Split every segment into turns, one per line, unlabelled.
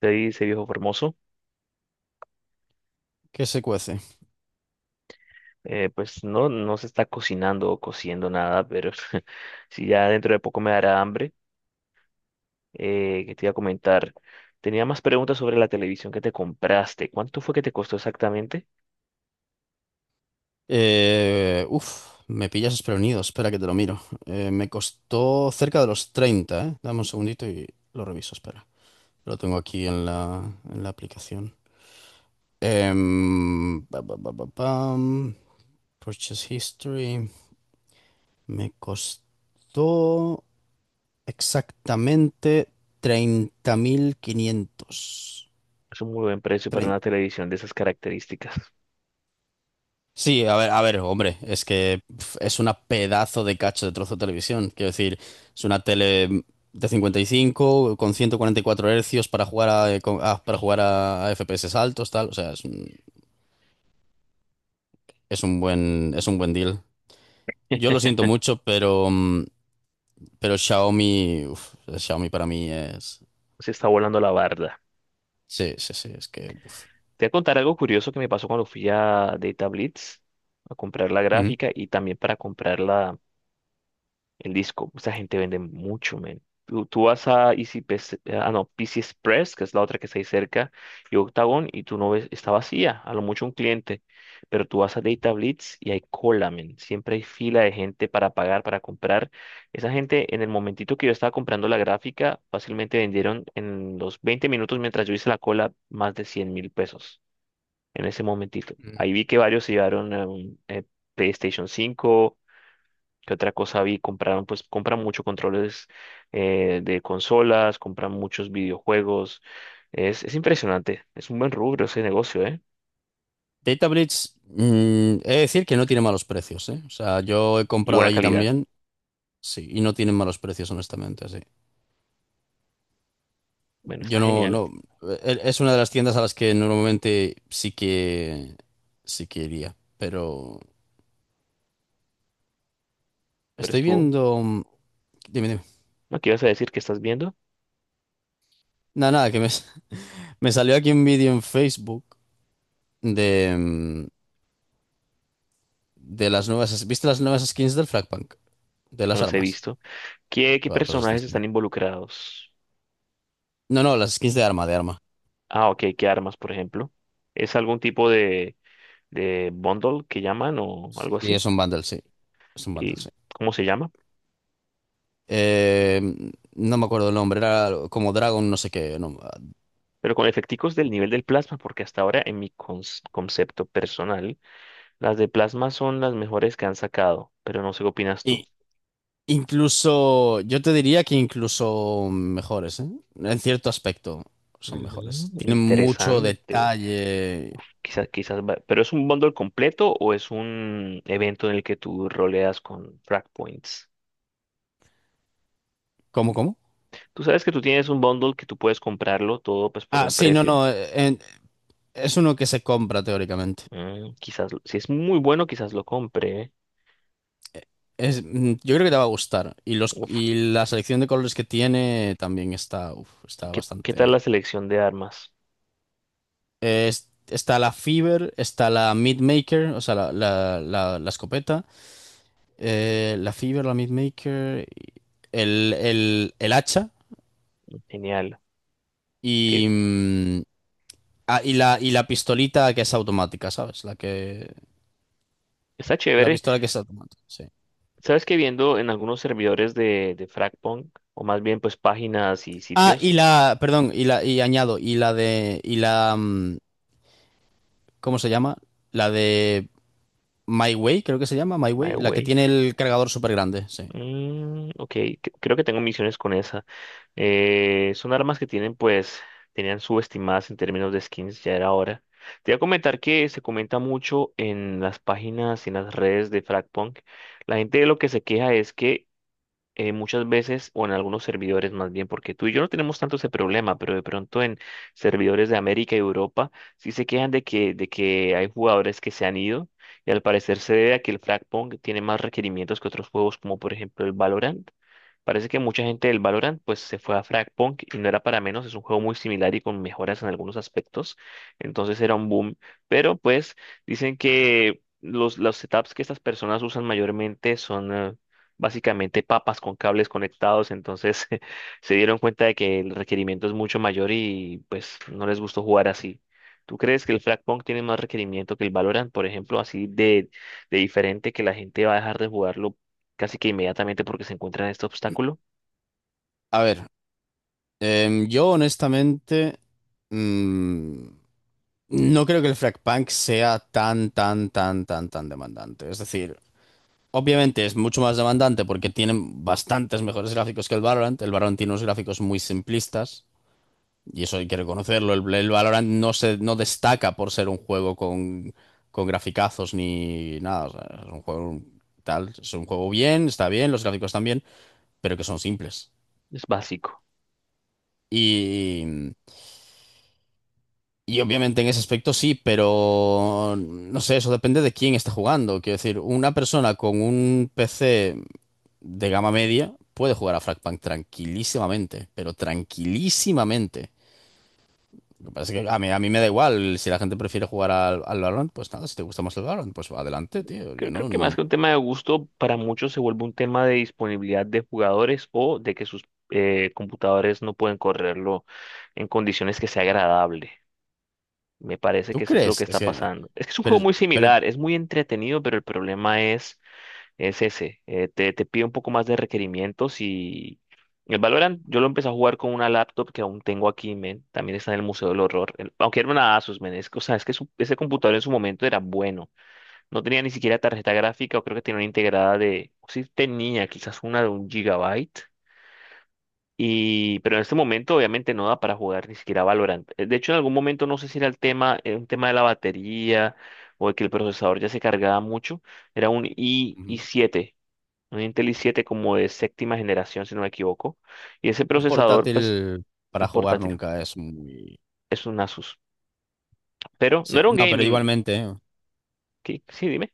Te dice viejo formoso.
¿Qué se cuece?
Pues no, no se está cocinando o cociendo nada, pero si ya dentro de poco me dará hambre. Que te iba a comentar. Tenía más preguntas sobre la televisión que te compraste. ¿Cuánto fue que te costó exactamente?
Me pillas desprevenido. Espera que te lo miro. Me costó cerca de los 30. ¿Eh? Dame un segundito y lo reviso. Espera. Lo tengo aquí en la aplicación. Em, pa, pa, pa, pa, pam. Purchase history. Me costó exactamente 30.500.
Es un muy buen precio para una televisión de esas características.
Sí, a ver, hombre, es que pf, es una pedazo de cacho de trozo de televisión. Quiero decir, es una tele de 55 con 144 Hz para jugar a, para jugar a FPS altos, tal. O sea, es un buen deal. Yo lo siento mucho, pero, mm, pero Xiaomi, uf, Xiaomi para mí es,
Se está volando la barda.
sí, sí, sí, es que, uf.
Te voy a contar algo curioso que me pasó cuando fui a Data Blitz a comprar la
Ujú.
gráfica y también para comprar en disco. Esa gente vende mucho, men. Tú vas a Easy PC, ah, no, PC Express, que es la otra que está ahí cerca, y Octagon, y tú no ves, está vacía, a lo mucho un cliente. Pero tú vas a Data Blitz y hay cola, men. Siempre hay fila de gente para pagar, para comprar. Esa gente, en el momentito que yo estaba comprando la gráfica, fácilmente vendieron en los 20 minutos mientras yo hice la cola más de 100.000 pesos. En ese momentito
Ujú.
ahí vi que varios se llevaron PlayStation 5. ¿Qué otra cosa vi? Compraron, pues compran mucho controles de consolas, compran muchos videojuegos. Es impresionante. Es un buen rubro ese negocio, ¿eh?
DataBridge, mm, he de decir que no tiene malos precios, ¿eh? O sea, yo he
Y
comprado
buena
allí
calidad.
también, sí, y no tienen malos precios, honestamente, sí.
Bueno,
Yo
está
no,
genial.
no, e- e, es una de las tiendas a las que normalmente sí que iría, pero
Pero
estoy
estuvo.
viendo, mm, dime, dime.
¿No? ¿Qué ibas a decir? ¿Qué estás viendo?
Nada, nada, que me, me salió aquí un vídeo en Facebook de, mm, de las nuevas, ¿viste las nuevas skins del Fragpunk? De
No
las
los he
armas.
visto. ¿Qué
Vale, pues las
personajes
skins.
están involucrados?
No, no, las skins de arma, de arma.
Ah, ok. ¿Qué armas, por ejemplo? ¿Es algún tipo de, bundle que llaman o
Sí,
algo así?
es un bundle, sí. Es un bundle,
¿Y
sí.
cómo se llama?
Eh, no me acuerdo el nombre, era como Dragon, no sé qué.
Pero con efecticos del nivel del plasma, porque hasta ahora en mi concepto personal, las de plasma son las mejores que han sacado, pero no sé qué opinas tú.
Incluso, yo te diría que incluso mejores, ¿eh? En cierto aspecto son
Ujú,
mejores. Tienen mucho
interesante.
detalle.
Quizás, quizás, pero ¿es un bundle completo o es un evento en el que tú roleas con frag points?
¿Cómo, cómo?
Tú sabes que tú tienes un bundle que tú puedes comprarlo todo pues por
Ah,
un
sí, no,
precio.
no. Es uno que se compra teóricamente.
Quizás, si es muy bueno, quizás lo compre, ¿eh?
Es, mm, yo creo que te va a gustar. Y los,
Uf,
y la selección de colores que tiene también está, uf, está
¿qué tal
bastante.
la selección de armas?
Está la Fever, está la Mid Maker, o sea, la escopeta. La Fever, la Mid Maker, el hacha.
Genial. Ti-
Y, mm, y la pistolita que es automática, ¿sabes?
Está
La
chévere.
pistola que es automática, sí.
Sabes que viendo en algunos servidores de, Fragpunk, o más bien pues páginas y
Ah, y
sitios,
la, perdón, y añado, y la, mm, ¿cómo se llama? La de My Way, creo que se llama, My Way, la que
MyWay.
tiene el cargador súper grande, sí.
Ok, creo que tengo misiones con esa. Son armas que tienen, pues, tenían subestimadas en términos de skins, ya era hora. Te voy a comentar que se comenta mucho en las páginas y en las redes de Fragpunk. La gente de lo que se queja es que muchas veces, o en algunos servidores más bien, porque tú y yo no tenemos tanto ese problema, pero de pronto en servidores de América y Europa sí se quejan de que hay jugadores que se han ido, y al parecer se debe a que el Fragpong tiene más requerimientos que otros juegos, como por ejemplo el Valorant. Parece que mucha gente del Valorant pues se fue a Fragpunk y no era para menos, es un juego muy similar y con mejoras en algunos aspectos, entonces era un boom, pero pues dicen que los setups que estas personas usan mayormente son básicamente papas con cables conectados, entonces se dieron cuenta de que el requerimiento es mucho mayor y pues no les gustó jugar así. ¿Tú crees que el Fragpunk tiene más requerimiento que el Valorant, por ejemplo, así de diferente que la gente va a dejar de jugarlo casi que inmediatamente porque se encuentra en este obstáculo?
A ver, yo honestamente, mm, no creo que el Frag Punk sea tan, tan, tan, tan, tan demandante. Es decir, obviamente es mucho más demandante porque tienen bastantes mejores gráficos que el Valorant. El Valorant tiene unos gráficos muy simplistas y eso hay que reconocerlo. El Valorant no destaca por ser un juego con graficazos ni nada. O sea, es un juego tal, es un juego bien, está bien, los gráficos están bien, pero que son simples.
Es básico.
Y, y obviamente en ese aspecto sí, pero no sé, eso depende de quién está jugando. Quiero decir, una persona con un PC de gama media puede jugar a Frostpunk tranquilísimamente, pero tranquilísimamente. Lo que pasa es que a mí me da igual. Si la gente prefiere jugar al, al Valorant, pues nada, si te gusta más el Valorant, pues adelante, tío. Yo
Creo, creo que
no.
más que un tema de gusto, para muchos se vuelve un tema de disponibilidad de jugadores o de que sus computadores no pueden correrlo en condiciones que sea agradable. Me parece
¿Tú
que eso es lo
crees?
que
Es
está
que.
pasando. Es que es un juego
Pero,
muy
pero
similar, es muy entretenido, pero el problema es ese. Te pide un poco más de requerimientos, y el Valorant yo lo empecé a jugar con una laptop que aún tengo aquí, men. También está en el Museo del Horror. Aunque era una Asus, men. Que, o sea, es que ese computador en su momento era bueno. No tenía ni siquiera tarjeta gráfica, o creo que tenía una integrada de. Sí tenía quizás una de 1 GB. Pero en este momento obviamente no da para jugar ni siquiera Valorant. De hecho, en algún momento no sé si era el tema, un tema de la batería o de que el procesador ya se cargaba mucho. Era un i
mm,
i7, un Intel i7 como de séptima generación, si no me equivoco. Y ese
un
procesador, pues,
portátil
un
para jugar
portátil,
nunca es muy.
es un Asus. Pero no
Sí.
era un
No, pero
gaming.
igualmente. ¿Eh?
¿Qué? Sí, dime,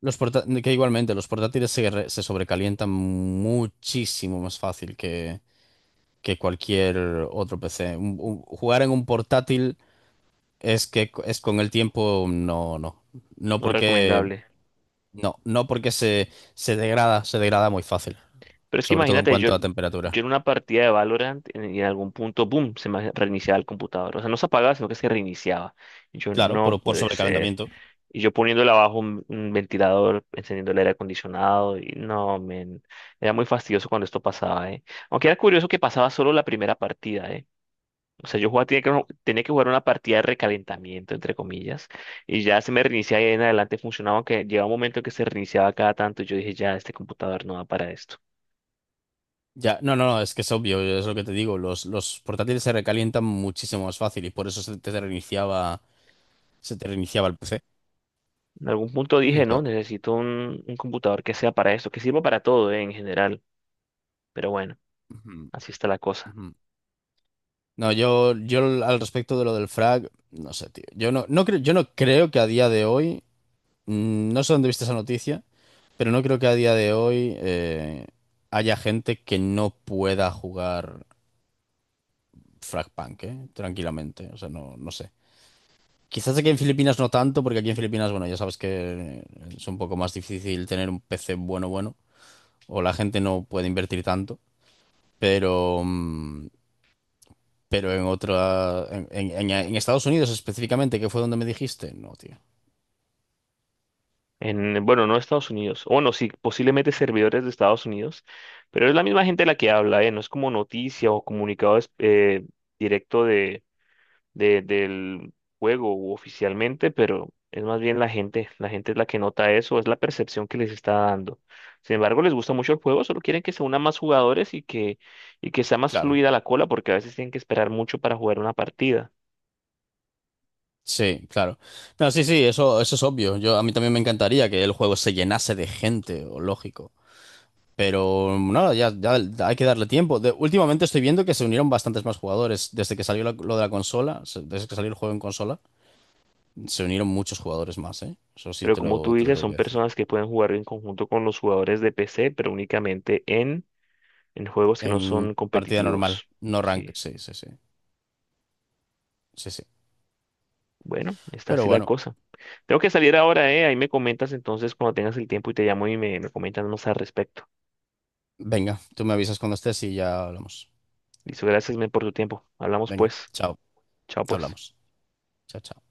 Que igualmente, los portátiles se sobrecalientan muchísimo más fácil que cualquier otro PC. Jugar en un portátil es que es con el tiempo, no, no. No
no
porque,
recomendable.
no, no porque se, se degrada muy fácil,
Pero es que
sobre todo en
imagínate, yo,
cuanto a temperatura.
yo en una partida de Valorant, en algún punto, boom, se me reiniciaba el computador. O sea, no se apagaba, sino que se reiniciaba. Y yo,
Claro,
no
por
puede ser.
sobrecalentamiento.
Y yo poniéndole abajo un, ventilador, encendiendo el aire acondicionado, y no, men, era muy fastidioso cuando esto pasaba, ¿eh? Aunque era curioso que pasaba solo la primera partida, ¿eh? O sea, yo jugaba, tenía que jugar una partida de recalentamiento, entre comillas, y ya se me reiniciaba y en adelante funcionaba, aunque llegaba un momento en que se reiniciaba cada tanto, y yo dije, ya, este computador no va para esto.
Ya, no, no, no, es que es obvio, es lo que te digo, los portátiles se recalientan muchísimo más fácil y por eso se te reiniciaba el PC.
En algún punto dije, no,
Entonces,
necesito un computador que sea para esto, que sirva para todo, en general. Pero bueno,
ujú,
así está la cosa.
ujú. No, yo al respecto de lo del frag, no sé, tío. Yo no creo que a día de hoy. Mm, no sé dónde viste esa noticia, pero no creo que a día de hoy haya gente que no pueda jugar Fragpunk, ¿eh? Tranquilamente. O sea, no, no sé. Quizás aquí en Filipinas no tanto, porque aquí en Filipinas, bueno, ya sabes que es un poco más difícil tener un PC bueno, o la gente no puede invertir tanto, pero, mm, pero en otra, en Estados Unidos específicamente, que fue donde me dijiste, no, tío.
Bueno, no Estados Unidos. O no, sí, posiblemente servidores de Estados Unidos. Pero es la misma gente la que habla, no es como noticia o comunicado directo de, del juego u oficialmente, pero es más bien la gente. La gente es la que nota eso, es la percepción que les está dando. Sin embargo, les gusta mucho el juego, solo quieren que se unan más jugadores, y que sea más
Claro.
fluida la cola, porque a veces tienen que esperar mucho para jugar una partida.
Sí, claro. No, sí, sí, eso es obvio. Yo, a mí también me encantaría que el juego se llenase de gente, o lógico. Pero nada, ya, ya hay que darle tiempo. Últimamente estoy viendo que se unieron bastantes más jugadores. Desde que salió la- Lo de la consola, desde que salió el juego en consola, se unieron muchos jugadores más, ¿eh? Eso sí
Pero como tú
te lo
dices,
tengo
son
que decir.
personas que pueden jugar en conjunto con los jugadores de PC, pero únicamente en, juegos que no
En
son
partida normal,
competitivos.
no
Sí,
ranked, sí, sí, sí. Sí, sí.
bueno, está
Pero
así la
bueno,
cosa. Tengo que salir ahora, ¿eh? Ahí me comentas entonces cuando tengas el tiempo y te llamo y me, comentas más al respecto.
venga, tú me avisas cuando estés y ya hablamos.
Listo, gracias, men, por tu tiempo. Hablamos
Venga,
pues.
chao,
Chao, pues.
hablamos. Chao, chao.